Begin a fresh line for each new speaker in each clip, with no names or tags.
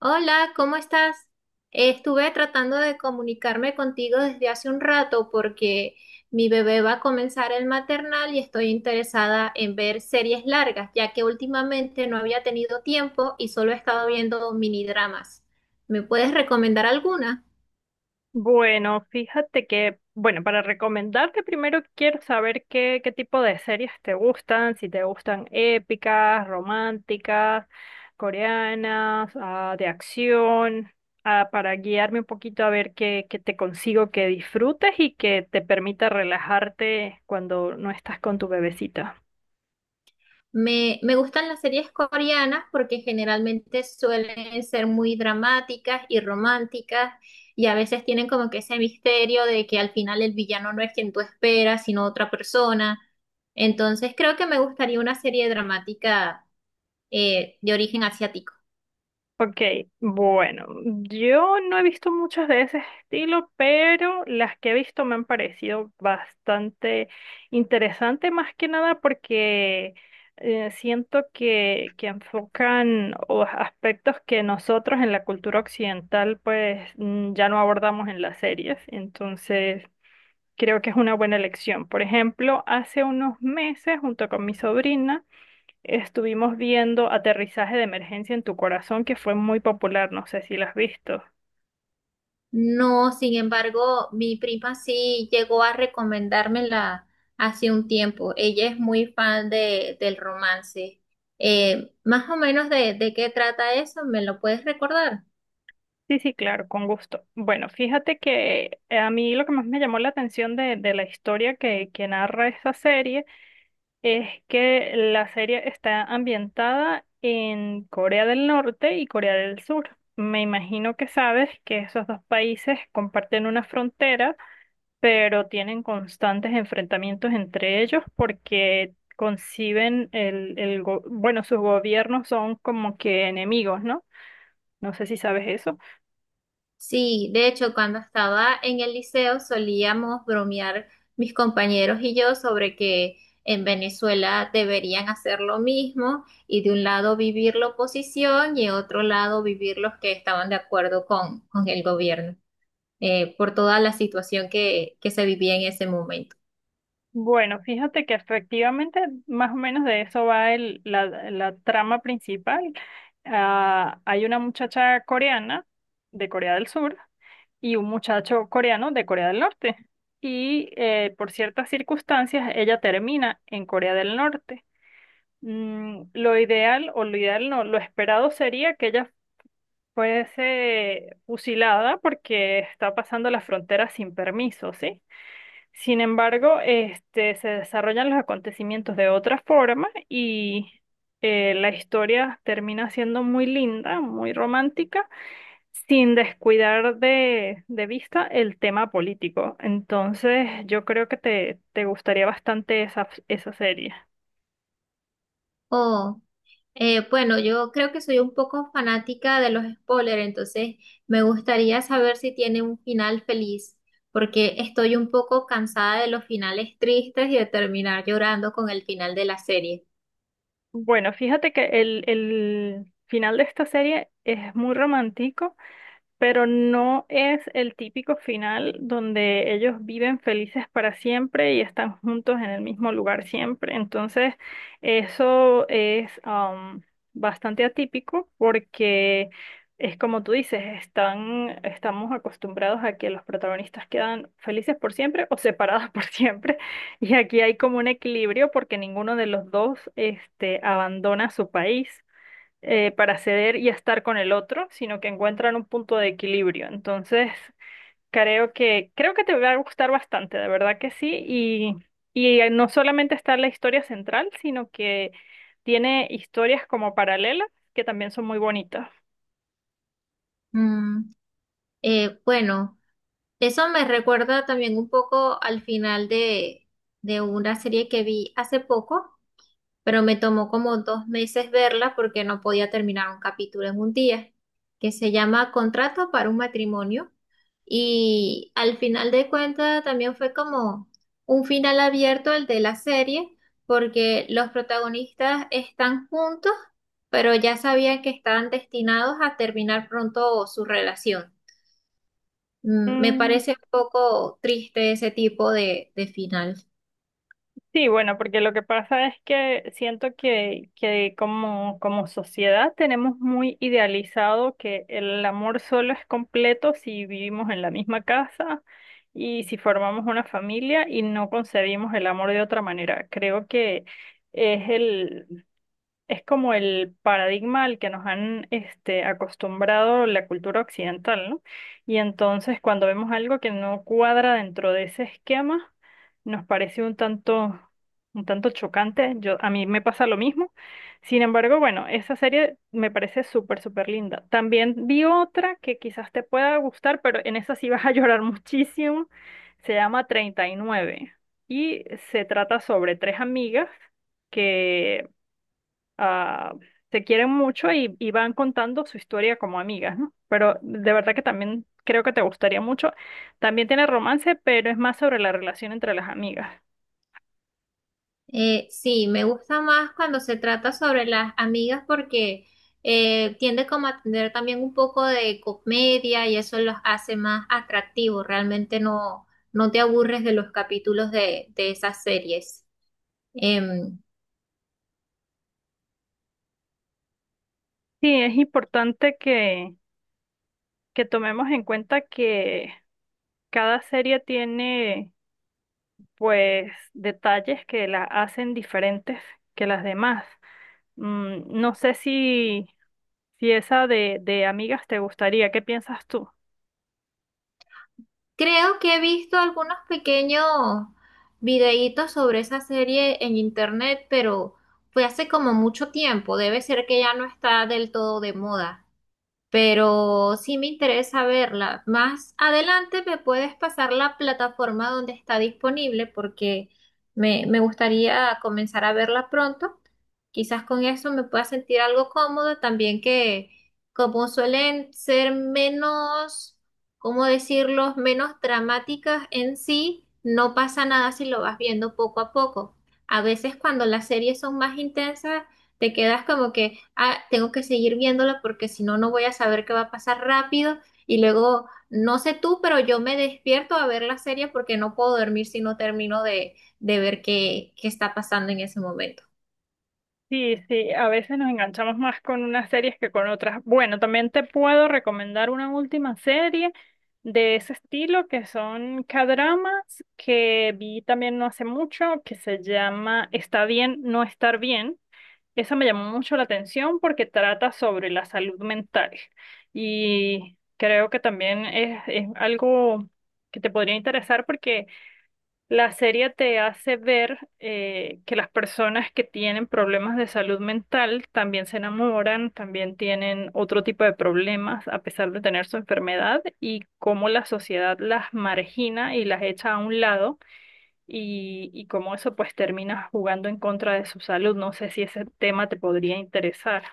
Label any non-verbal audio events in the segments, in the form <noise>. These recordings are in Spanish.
Hola, ¿cómo estás? Estuve tratando de comunicarme contigo desde hace un rato porque mi bebé va a comenzar el maternal y estoy interesada en ver series largas, ya que últimamente no había tenido tiempo y solo he estado viendo minidramas. ¿Me puedes recomendar alguna?
Bueno, fíjate que, para recomendarte primero quiero saber qué tipo de series te gustan, si te gustan épicas, románticas, coreanas, de acción, para guiarme un poquito a ver qué te consigo que disfrutes y que te permita relajarte cuando no estás con tu bebecita.
Me gustan las series coreanas porque generalmente suelen ser muy dramáticas y románticas y a veces tienen como que ese misterio de que al final el villano no es quien tú esperas, sino otra persona. Entonces creo que me gustaría una serie dramática, de origen asiático.
Ok, bueno, yo no he visto muchas de ese estilo, pero las que he visto me han parecido bastante interesantes, más que nada porque siento que enfocan o aspectos que nosotros en la cultura occidental pues, ya no abordamos en las series, entonces creo que es una buena elección. Por ejemplo, hace unos meses junto con mi sobrina, estuvimos viendo Aterrizaje de Emergencia en tu Corazón, que fue muy popular, no sé si la has visto.
No, sin embargo, mi prima sí llegó a recomendármela hace un tiempo. Ella es muy fan del romance. Más o menos de qué trata eso, ¿me lo puedes recordar?
Sí, sí, claro, con gusto. Bueno, fíjate que a mí lo que más me llamó la atención de la historia que narra esta serie es que la serie está ambientada en Corea del Norte y Corea del Sur. Me imagino que sabes que esos dos países comparten una frontera pero tienen constantes enfrentamientos entre ellos porque conciben el, bueno, sus gobiernos son como que enemigos, ¿no? No sé si sabes eso.
Sí, de hecho, cuando estaba en el liceo solíamos bromear mis compañeros y yo sobre que en Venezuela deberían hacer lo mismo y de un lado vivir la oposición y de otro lado vivir los que estaban de acuerdo con el gobierno. Por toda la situación que se vivía en ese momento.
Bueno, fíjate que efectivamente más o menos de eso va la trama principal. Ah, hay una muchacha coreana de Corea del Sur y un muchacho coreano de Corea del Norte. Y por ciertas circunstancias ella termina en Corea del Norte. Lo ideal, o lo ideal no, lo esperado sería que ella fuese fusilada porque está pasando la frontera sin permiso, ¿sí? Sin embargo, este, se desarrollan los acontecimientos de otra forma y la historia termina siendo muy linda, muy romántica, sin descuidar de vista el tema político. Entonces, yo creo que te gustaría bastante esa, esa serie.
Oh, bueno, yo creo que soy un poco fanática de los spoilers, entonces me gustaría saber si tiene un final feliz, porque estoy un poco cansada de los finales tristes y de terminar llorando con el final de la serie.
Bueno, fíjate que el final de esta serie es muy romántico pero no es el típico final donde ellos viven felices para siempre y están juntos en el mismo lugar siempre. Entonces, eso es, bastante atípico porque es como tú dices, están, estamos acostumbrados a que los protagonistas quedan felices por siempre o separados <laughs> por siempre. Y aquí hay como un equilibrio porque ninguno de los dos este, abandona su país para ceder y estar con el otro, sino que encuentran un punto de equilibrio. Entonces, creo que te va a gustar bastante, de verdad que sí. Y no solamente está la historia central, sino que tiene historias como paralelas que también son muy bonitas.
Mm, bueno, eso me recuerda también un poco al final de una serie que vi hace poco pero me tomó como dos meses verla porque no podía terminar un capítulo en un día, que se llama Contrato para un Matrimonio. Y al final de cuentas también fue como un final abierto el de la serie, porque los protagonistas están juntos, pero ya sabían que estaban destinados a terminar pronto su relación. Me
Mm,
parece un poco triste ese tipo de final.
Sí, bueno, porque lo que pasa es que siento que como, como sociedad tenemos muy idealizado que el amor solo es completo si vivimos en la misma casa y si formamos una familia y no concebimos el amor de otra manera. Creo que es el, es como el paradigma al que nos han este, acostumbrado la cultura occidental, ¿no? Y entonces cuando vemos algo que no cuadra dentro de ese esquema, nos parece un tanto chocante. Yo, a mí me pasa lo mismo. Sin embargo, bueno, esa serie me parece súper, súper linda. También vi otra que quizás te pueda gustar, pero en esa sí vas a <laughs> llorar muchísimo. Se llama 39 y se trata sobre tres amigas. Que ah, se quieren mucho y van contando su historia como amigas, ¿no? Pero de verdad que también creo que te gustaría mucho. También tiene romance, pero es más sobre la relación entre las amigas.
Sí, me gusta más cuando se trata sobre las amigas porque tiende como a tener también un poco de comedia y eso los hace más atractivos. Realmente no te aburres de los capítulos de esas series. Em,
Sí, es importante que tomemos en cuenta que cada serie tiene, pues, detalles que la hacen diferentes que las demás. No sé si esa de amigas te gustaría. ¿Qué piensas tú?
creo que he visto algunos pequeños videitos sobre esa serie en internet, pero fue hace como mucho tiempo. Debe ser que ya no está del todo de moda, pero sí me interesa verla. Más adelante me puedes pasar la plataforma donde está disponible porque me gustaría comenzar a verla pronto. Quizás con eso me pueda sentir algo cómodo también que como suelen ser ¿cómo decirlo?, menos dramáticas en sí, no pasa nada si lo vas viendo poco a poco. A veces cuando las series son más intensas, te quedas como que, ah, tengo que seguir viéndolo porque si no, no voy a saber qué va a pasar rápido. Y luego, no sé tú, pero yo me despierto a ver la serie porque no puedo dormir si no termino de ver qué está pasando en ese momento.
Sí, sí, a veces nos enganchamos más con unas series que con otras. Bueno, también te puedo recomendar una última serie de ese estilo que son K-dramas que vi también no hace mucho que se llama Está bien no estar bien. Esa me llamó mucho la atención porque trata sobre la salud mental y creo que también es algo que te podría interesar porque la serie te hace ver que las personas que tienen problemas de salud mental también se enamoran, también tienen otro tipo de problemas a pesar de tener su enfermedad y cómo la sociedad las margina y las echa a un lado y cómo eso pues termina jugando en contra de su salud. No sé si ese tema te podría interesar.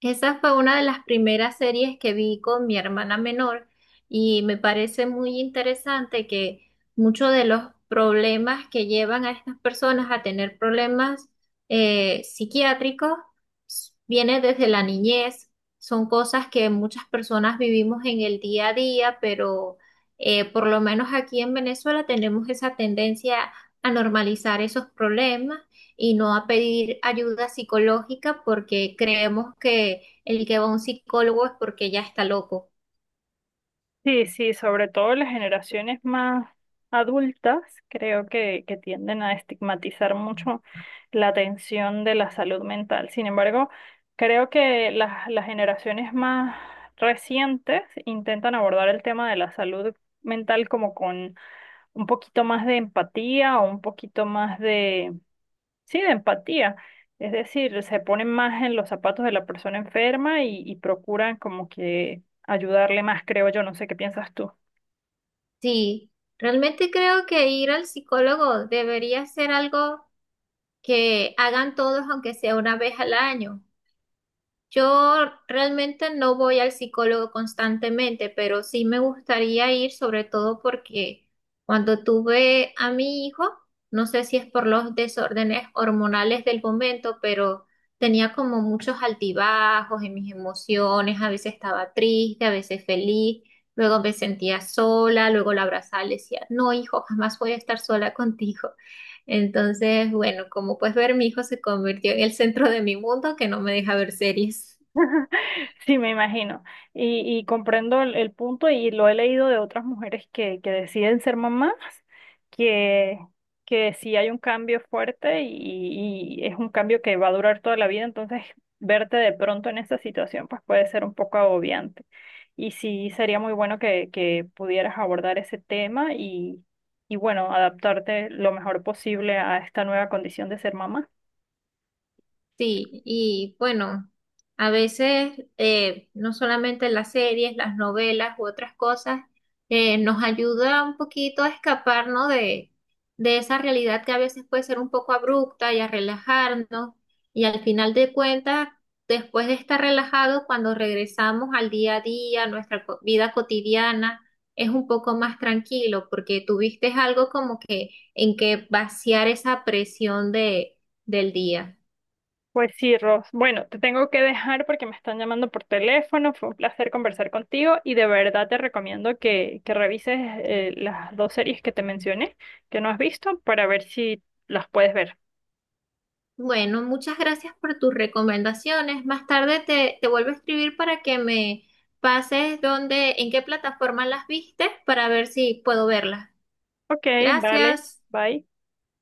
Esa fue una de las primeras series que vi con mi hermana menor y me parece muy interesante que muchos de los problemas que llevan a estas personas a tener problemas psiquiátricos viene desde la niñez. Son cosas que muchas personas vivimos en el día a día, pero por lo menos aquí en Venezuela tenemos esa tendencia a normalizar esos problemas y no a pedir ayuda psicológica porque creemos que el que va a un psicólogo es porque ya está loco.
Sí, sí, sobre todo las generaciones más adultas creo que tienden a estigmatizar mucho la atención de la salud mental. Sin embargo, creo que las generaciones más recientes intentan abordar el tema de la salud mental como con un poquito más de empatía o un poquito más de, sí, de empatía. Es decir, se ponen más en los zapatos de la persona enferma y procuran como que ayudarle más, creo yo. No sé qué piensas tú.
Sí, realmente creo que ir al psicólogo debería ser algo que hagan todos, aunque sea una vez al año. Yo realmente no voy al psicólogo constantemente, pero sí me gustaría ir, sobre todo porque cuando tuve a mi hijo, no sé si es por los desórdenes hormonales del momento, pero tenía como muchos altibajos en mis emociones, a veces estaba triste, a veces feliz, luego me sentía sola, luego la abrazaba y le decía, no, hijo, jamás voy a estar sola contigo. <laughs> Entonces, bueno, como puedes ver, mi hijo se convirtió en el centro de mi mundo que no me deja ver series.
<laughs> Sí, me imagino. Y comprendo el punto y lo he leído de otras mujeres que deciden ser mamás, que, que sí hay un cambio fuerte y es un cambio que va a durar toda la vida, entonces verte de pronto en esa situación pues puede ser un poco agobiante. Y sí, sería muy bueno que pudieras abordar ese tema y bueno, adaptarte lo mejor posible a esta nueva condición de ser mamá.
Sí, y bueno, a veces no solamente las series, las novelas u otras cosas nos ayuda un poquito a escaparnos de esa realidad que a veces puede ser un poco abrupta y a relajarnos. Y al final de cuentas, después de estar relajados, cuando regresamos al día a día, nuestra vida cotidiana, es un poco más tranquilo porque tuviste algo como que en que vaciar esa presión del día.
Pues sí, Ross. Bueno, te tengo que dejar porque me están llamando por teléfono. Fue un placer conversar contigo y de verdad te recomiendo que revises las dos series que te mencioné, que no has visto, para ver si las puedes ver.
Bueno, muchas gracias por tus recomendaciones. Más tarde te vuelvo a escribir para que me pases dónde, en qué plataforma las viste para ver si puedo verlas.
Ok, vale.
Gracias.
Bye.